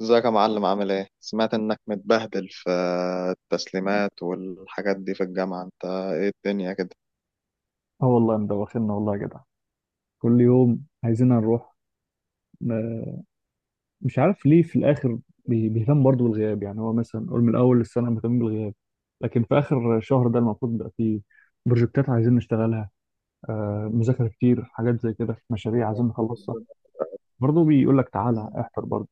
ازيك يا معلم؟ عامل ايه؟ سمعت انك متبهدل في التسليمات والحاجات دي في الجامعة. انت ايه الدنيا كده؟ اه، والله مدوخنا والله يا جدع. كل يوم عايزين نروح. ما- مش عارف ليه في الاخر. بيهتم برضه بالغياب. يعني هو مثلا قول من اول السنه مهتم بالغياب، لكن في اخر شهر ده المفروض بقى فيه بروجكتات عايزين نشتغلها. مذاكره كتير، حاجات زي كده، مشاريع عايزين نخلصها، برضه بيقول لك تعالى مم. احضر برضه.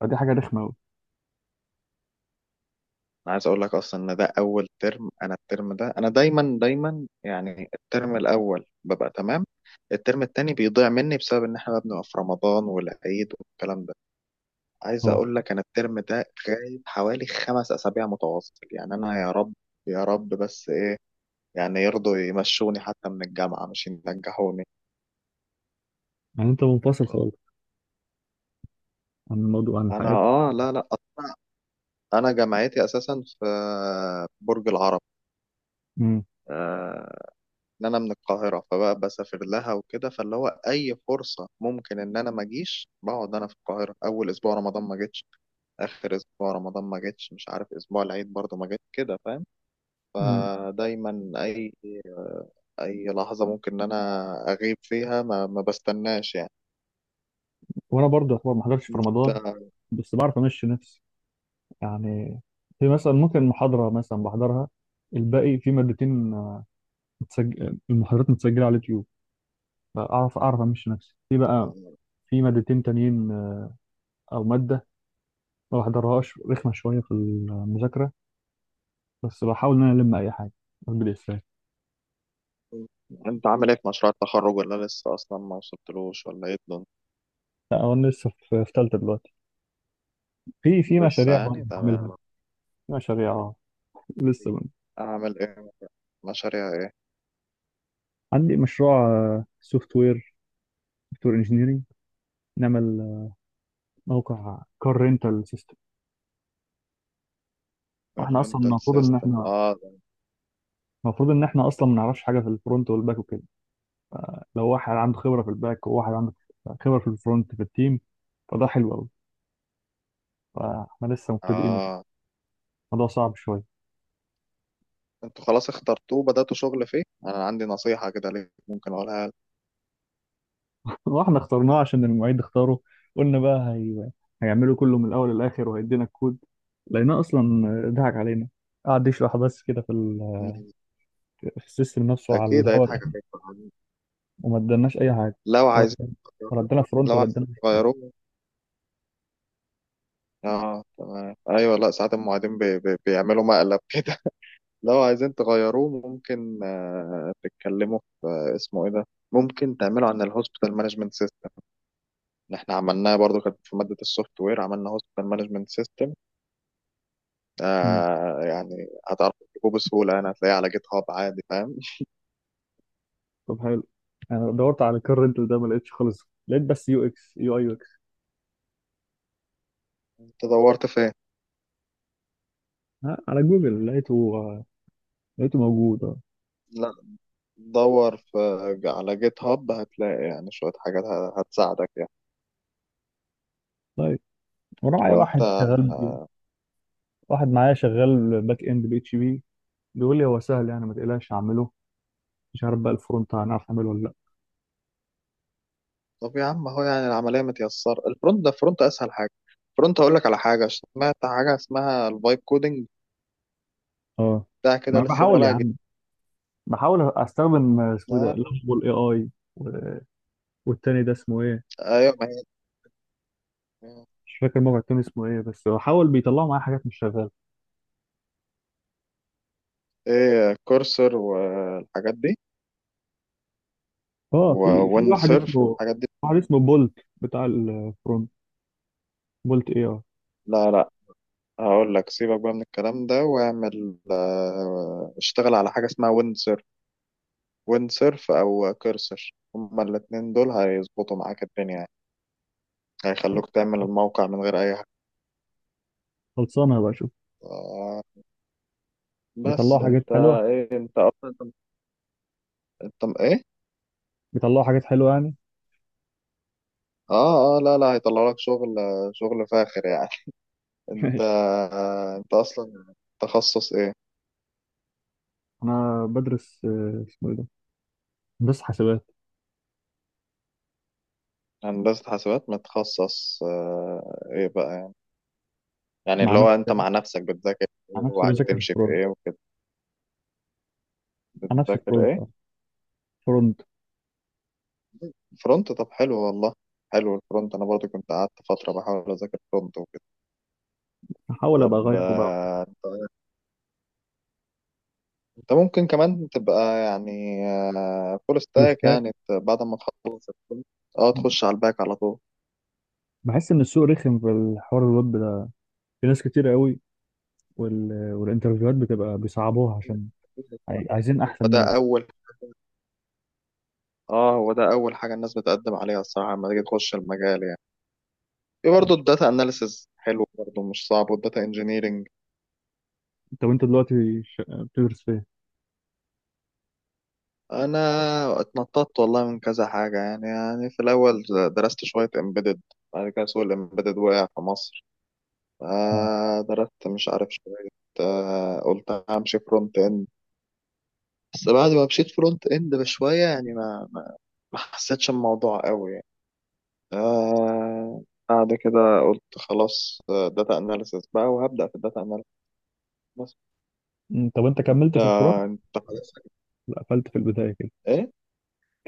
فدي حاجه رخمه قوي. انا عايز اقول لك اصلا ان ده اول ترم. انا الترم ده، انا دايما يعني الترم الاول ببقى تمام. الترم التاني بيضيع مني بسبب ان احنا بقى بنبقى في رمضان والعيد والكلام ده. عايز اه، اقول لك انا الترم ده غايب حوالي 5 اسابيع متواصل. يعني انا يا رب يا رب، بس ايه؟ يعني يرضوا يمشوني حتى من الجامعة، مش ينجحوني. يعني انت منفصل خالص عن الموضوع، عن انا الحياه. اه، لا لا، انا جامعتي اساسا في برج العرب. مم. آه، ان انا من القاهره فبقى بسافر لها وكده، فاللي هو اي فرصه ممكن ان انا ما اجيش بقعد انا في القاهره. اول اسبوع رمضان ما جيتش، اخر اسبوع رمضان ما جيتش، مش عارف اسبوع العيد برضه ما جيت كده، فاهم؟ مم. فدايما اي اي لحظه ممكن ان انا اغيب فيها، ما بستناش يعني. وانا برضه يعتبر ما حضرتش في رمضان، انت بس بعرف امشي نفسي. يعني في مثلا ممكن محاضرة مثلا بحضرها. الباقي في مادتين، متسجل المحاضرات متسجلة على اليوتيوب، فأعرف أعرف أمشي نفسي في بقى. في مادتين تانيين، أو مادة ما بحضرهاش رخمة شوية في المذاكرة. بس بحاول إن أنا ألم أي حاجة. أقول إزاي؟ عامل ايه في مشروع التخرج؟ ولا لسه اصلا ما وصلتلوش؟ ولا ايه الدنيا؟ لا هو أنا لسه في تالتة دلوقتي. في لسه مشاريع برضه يعني بعملها. تمام. في مشاريع، لسه بعمل. اعمل ايه؟ مشاريع ايه؟ عندي مشروع سوفت وير. سوفت وير انجينيرنج. نعمل، موقع كار رينتال سيستم. واحنا اصلا الرينتال سيستم، اه ده- المفروض ان احنا اصلا ما نعرفش حاجه في الفرونت والباك وكده. لو واحد عنده خبره في الباك، وواحد عنده خبره في الفرونت في التيم، فده حلو قوي. فاحنا لسه مبتدئين وكده. اه، الموضوع صعب شويه. انتوا خلاص اخترتوه بدأتوا شغل فيه. انا عندي نصيحة كده ليك ممكن اقولها لك. واحنا اخترناه عشان المعيد اختاره. قلنا بقى هيعمله كله من الاول للاخر وهيدينا الكود. لقيناه اصلا ضحك علينا. قعد يشرح بس كده مم. في السيستم نفسه على اكيد الهوا هيضحك كده. عليك طبعاً. وما ادالناش اي حاجه، لو ولا عايزين ولا تغيروه، ادانا فرونت، لو ولا عايزين ادانا اي حاجه. تغيروه، اه تمام، ايوه، لا ساعات المعيدين بي بي بيعملوا مقلب كده. لو عايزين تغيروه ممكن آه تتكلموا في آه اسمه ايه ده، ممكن تعملوا عن الهوسبيتال مانجمنت سيستم. اللي احنا عملناه برضو كانت في مادة السوفت وير، عملنا هوستل مانجمنت سيستم. مم. آه، يعني هتعرف تجيبه بسهولة، يعني هتلاقيه على جيت هاب عادي، فاهم؟ طب حلو. انا دورت على الكار رينتال ده ما لقيتش خالص، لقيت بس يو اكس يو اي. انت دورت فين؟ ها، على جوجل لقيته. لقيته موجود اه. لا، دور في على جيت هاب، هتلاقي يعني شوية حاجات هتساعدك يعني. طيب. وراعي وانت واحد شغال. آه، واحد معايا شغال باك اند بي اتش بي. بيقول لي هو سهل، يعني ما تقلقش اعمله. مش عارف بقى الفرونت هنعرف نعمله ولا لا. طب يا عم اهو، يعني العملية متيسرة. الفرونت ده الفرونت اسهل حاجة. الفرونت هقول لك على حاجة، سمعت حاجة اسمها الفايب كودنج اه، بتاع ما كده، انا لسه بحاول يا طالع جديد. عم. بحاول استخدم اسمه إيه آه، ده، لافبول اي اي. والتاني ده اسمه ايه؟ ايوه ما هي، مش فاكر الموقع التاني اسمه ايه، بس بحاول بيطلعوا معايا حاجات مش شغاله. ايه كورسر والحاجات دي، اه، في وون واحد سيرف اسمه، والحاجات دي. واحد اسمه بولت بتاع الفرونت. بولت اي اي. لا لا، هقول لك سيبك بقى من الكلام ده، واعمل اشتغل على حاجة اسمها ويند سيرف. ويند سيرف او كيرسر، هما الاتنين دول هيظبطوا معاك الدنيا يعني. هيخلوك تعمل الموقع من غير اي حاجة. خلصانه بقى، شوف. آه، بيطلعوا بس حاجات انت حلوه. ايه؟ انت ايه؟ بيطلعوا حاجات حلوه يعني. اه اه، لا لا، هيطلع لك شغل، شغل فاخر يعني. انت آه، انت اصلا تخصص ايه؟ انا بدرس، اسمه ايه ده، بس حسابات. هندسة حاسبات متخصص آه، ايه بقى؟ يعني مع اللي هو انت نفسي. مع نفسك بتذاكر مع ايه؟ نفسي وعايز بذاكر تمشي في الفرونت. ايه وكده؟ مع نفسي بتذاكر الفرونت، ايه؟ فرونت. فرونت، طب حلو والله. حلو الفرونت، انا برضو كنت قعدت فترة بحاول اذاكر فرونت وكده. بحاول ابقى طب اغيره بقى. آه، انت ممكن كمان تبقى يعني فول فول ستاك، ستاك. يعني بعد ما تخلص الفرونت اه تخش على الباك على طول. بحس ان السوق رخم في الحوار الويب ده. في ناس كتير قوي. والانترفيوهات بتبقى بيصعبوها عشان عايزين احسن وده ناس. اول اه، هو ده اول حاجه الناس بتقدم عليها الصراحه لما تيجي تخش المجال يعني. في طب برضه الداتا اناليسز حلو، برضه مش صعب، والداتا انجينيرنج. طب انت دلوقتي بتدرس فين؟ انا اتنططت والله من كذا حاجه يعني. في الاول درست شويه امبيدد، بعد كده سوق الامبيدد وقع في مصر، مم. فدرست مش عارف شويه. آه، قلت همشي فرونت اند، بس بعد ما مشيت فرونت اند بشويه يعني ما حسيتش الموضوع قوي يعني. آه، بعد كده قلت خلاص داتا اناليسيس بقى، وهبدا في الداتا اناليسيس. بس مم. طب انت كملت في الفرونت؟ آه، انت خلاص، لا، قفلت في البدايه كده. ايه؟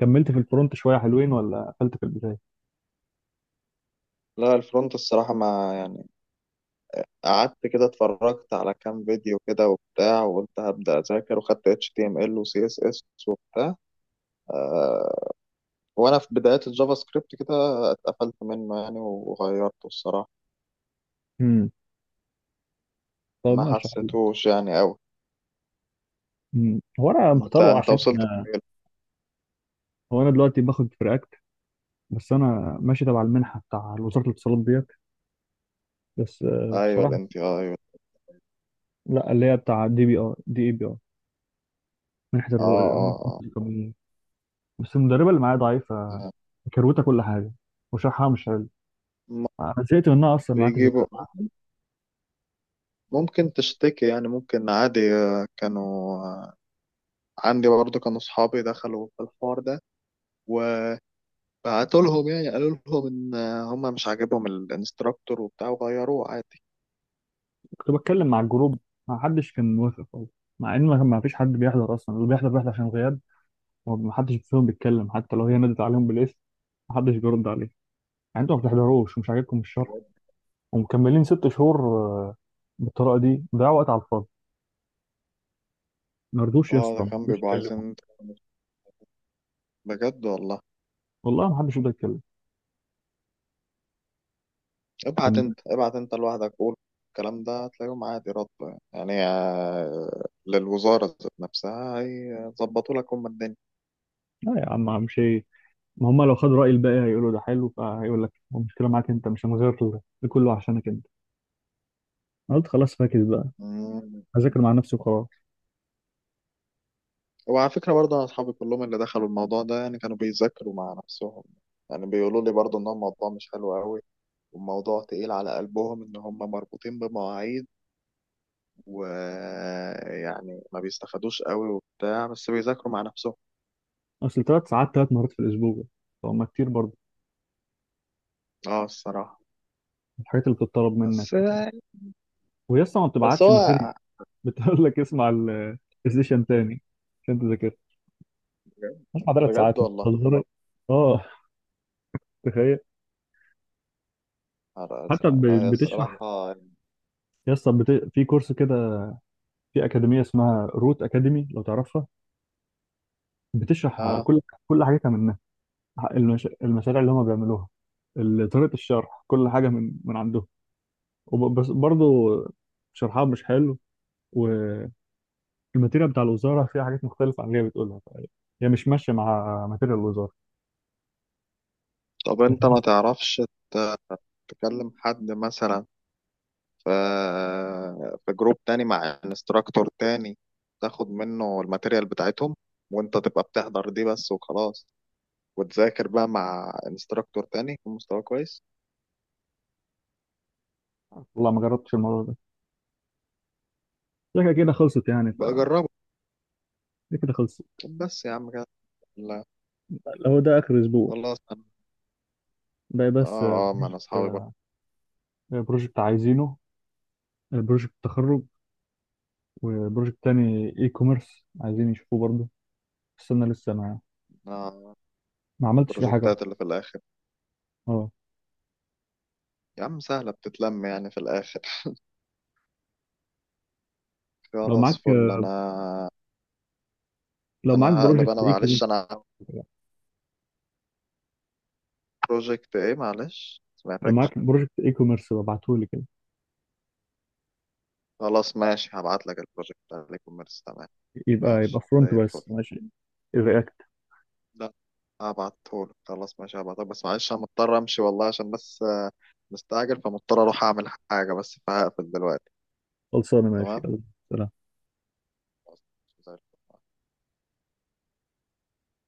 كملت في الفرونت شويه حلوين، ولا قفلت في البدايه؟ لا الفرونت الصراحه، ما قعدت كده، اتفرجت على كام فيديو كده وبتاع، وقلت هبدأ أذاكر وخدت HTML و CSS وبتاع. آه، وأنا في بدايات الجافا سكريبت كده اتقفلت منه يعني، وغيرته الصراحة. امم طب ما ماشي، حلو. حسيتوش يعني أوي. مم. هو انا مختاره أنت عشان، وصلت فين؟ هو انا دلوقتي باخد في React. بس انا ماشي تبع المنحه بتاع وزاره الاتصالات ديت. بس، أيوه ال بصراحه. NTI، أيوه. لا، اللي هي بتاع دي بي ار دي اي بي ار. منحه آه الرواد آه القانونيه. بس المدربه اللي معايا ضعيفه. آه. كروته كل حاجه. وشرحها مش حلو. م- انا زهقت منها اصلا، ما عدتش بيجيبوا، أتابعها. ممكن تشتكي يعني، ممكن عادي. آه، كانوا آه، عندي برضو كانوا صحابي دخلوا في الحوار ده، بعتوا لهم يعني، قالوا لهم ان هم مش عاجبهم الانستراكتور وبتاع، وغيروه عادي. كنت بتكلم مع الجروب، ما حدش كان موافق خالص. مع ان ما فيش حد بيحضر اصلا. اللي بيحضر بيحضر عشان غياب. وما حدش فيهم بيتكلم حتى لو هي نادت عليهم بالاسم. ما حدش بيرد عليه. يعني انتوا ما بتحضروش، ومش عاجبكم الشرح، ومكملين 6 شهور، بالطريقه دي ضيعوا وقت على الفاضي. ما رضوش يا اه، اسطى، ده ما كان رضوش بيبقوا يتكلموا. عايزين بجد والله. والله ما حدش رضى يتكلم. ابعت كان انت، ابعت انت لوحدك، قول الكلام ده هتلاقيهم عادي رد، يعني آه، للوزارة ذات نفسها، هيظبطوا لك هم الدنيا. لا يا عم، مش هي. ما هم لو خدوا رأي الباقي هيقولوا ده حلو، فهيقول لك هو المشكلة معاك انت، مش هنغير. ده كله عشانك انت. أنا قلت خلاص، فاكس بقى. مم. هذاكر مع نفسي وخلاص. وعلى فكرة برضه، أنا أصحابي كلهم اللي دخلوا الموضوع ده، يعني كانوا بيذاكروا مع نفسهم. يعني بيقولوا لي برضه إن هو الموضوع مش حلو قوي، والموضوع تقيل على قلبهم إن هم مربوطين بمواعيد، ويعني ما بيستفادوش قوي وبتاع، بس بيذاكروا مع نفسهم. اصل 3 ساعات، 3 مرات في الاسبوع، فهم كتير برضه. اه الصراحة. الحاجات اللي بتطلب منك، بس وهي اصلا ما بس بتبعتش ماتيريال. هو بتقول لك اسمع السيشن تاني عشان تذاكر. اسمع، 3 ساعات بجد والله، بتهزر. اه، تخيل. نهار حتى أزرق. لا هي بتشرح. الصراحة يعني، يا اسطى في كورس كده، في اكاديميه اسمها روت اكاديمي لو تعرفها، بتشرح اه. كل حاجتها منها. المشاريع اللي هم بيعملوها. طريقة الشرح، كل حاجة من عندهم. بس برضه شرحها مش حلو. والماتيريال بتاع الوزارة فيها حاجات مختلفة عن اللي هي بتقولها، هي مش ماشية مع ماتيريال الوزارة. طب لكن انت ما تعرفش ت- تكلم حد مثلا في جروب تاني مع انستراكتور تاني، تاخد منه الماتيريال بتاعتهم، وانت تبقى بتحضر دي بس وخلاص، وتذاكر بقى مع انستراكتور تاني يكون مستواه كويس. والله ما جربتش الموضوع ده. شكلها كده خلصت يعني بقى جربه. دي كده خلصت. طب بس يا عم كده هو ده آخر أسبوع. خلاص، انا باقي بس اه اه، ما انا بروجكت اصحابي بقى. كده. بروجكت عايزينه. بروجكت تخرج، وبروجكت تاني اي كوميرس عايزين يشوفوه برضه. السنة لسه انا ما عملتش فيه حاجة أصلاً. البروجكتات اللي في الاخر اه، يا عم سهله، بتتلم يعني في الاخر. لو خلاص معاك فل. انا لو انا معاك هقلب، بروجكت انا اي كوميرس معلش، بروجكت ايه؟ معلش لو سمعتكش. معاك بروجكت اي كوميرس ابعته لي كده. خلاص ماشي، هبعت لك البروجكت بتاع الكوميرس، تمام، يبقى ماشي فرونت زي الفل. بس، ماشي. رياكت. لا، هبعتهولك، خلاص ماشي هبعتهولك، بس معلش انا مضطر امشي والله، عشان بس آه، مستعجل، فمضطر اروح اعمل حاجه، بس فهقفل دلوقتي. خلصانه، ماشي، تمام، يلا. سلام. خلاص، زي الفل.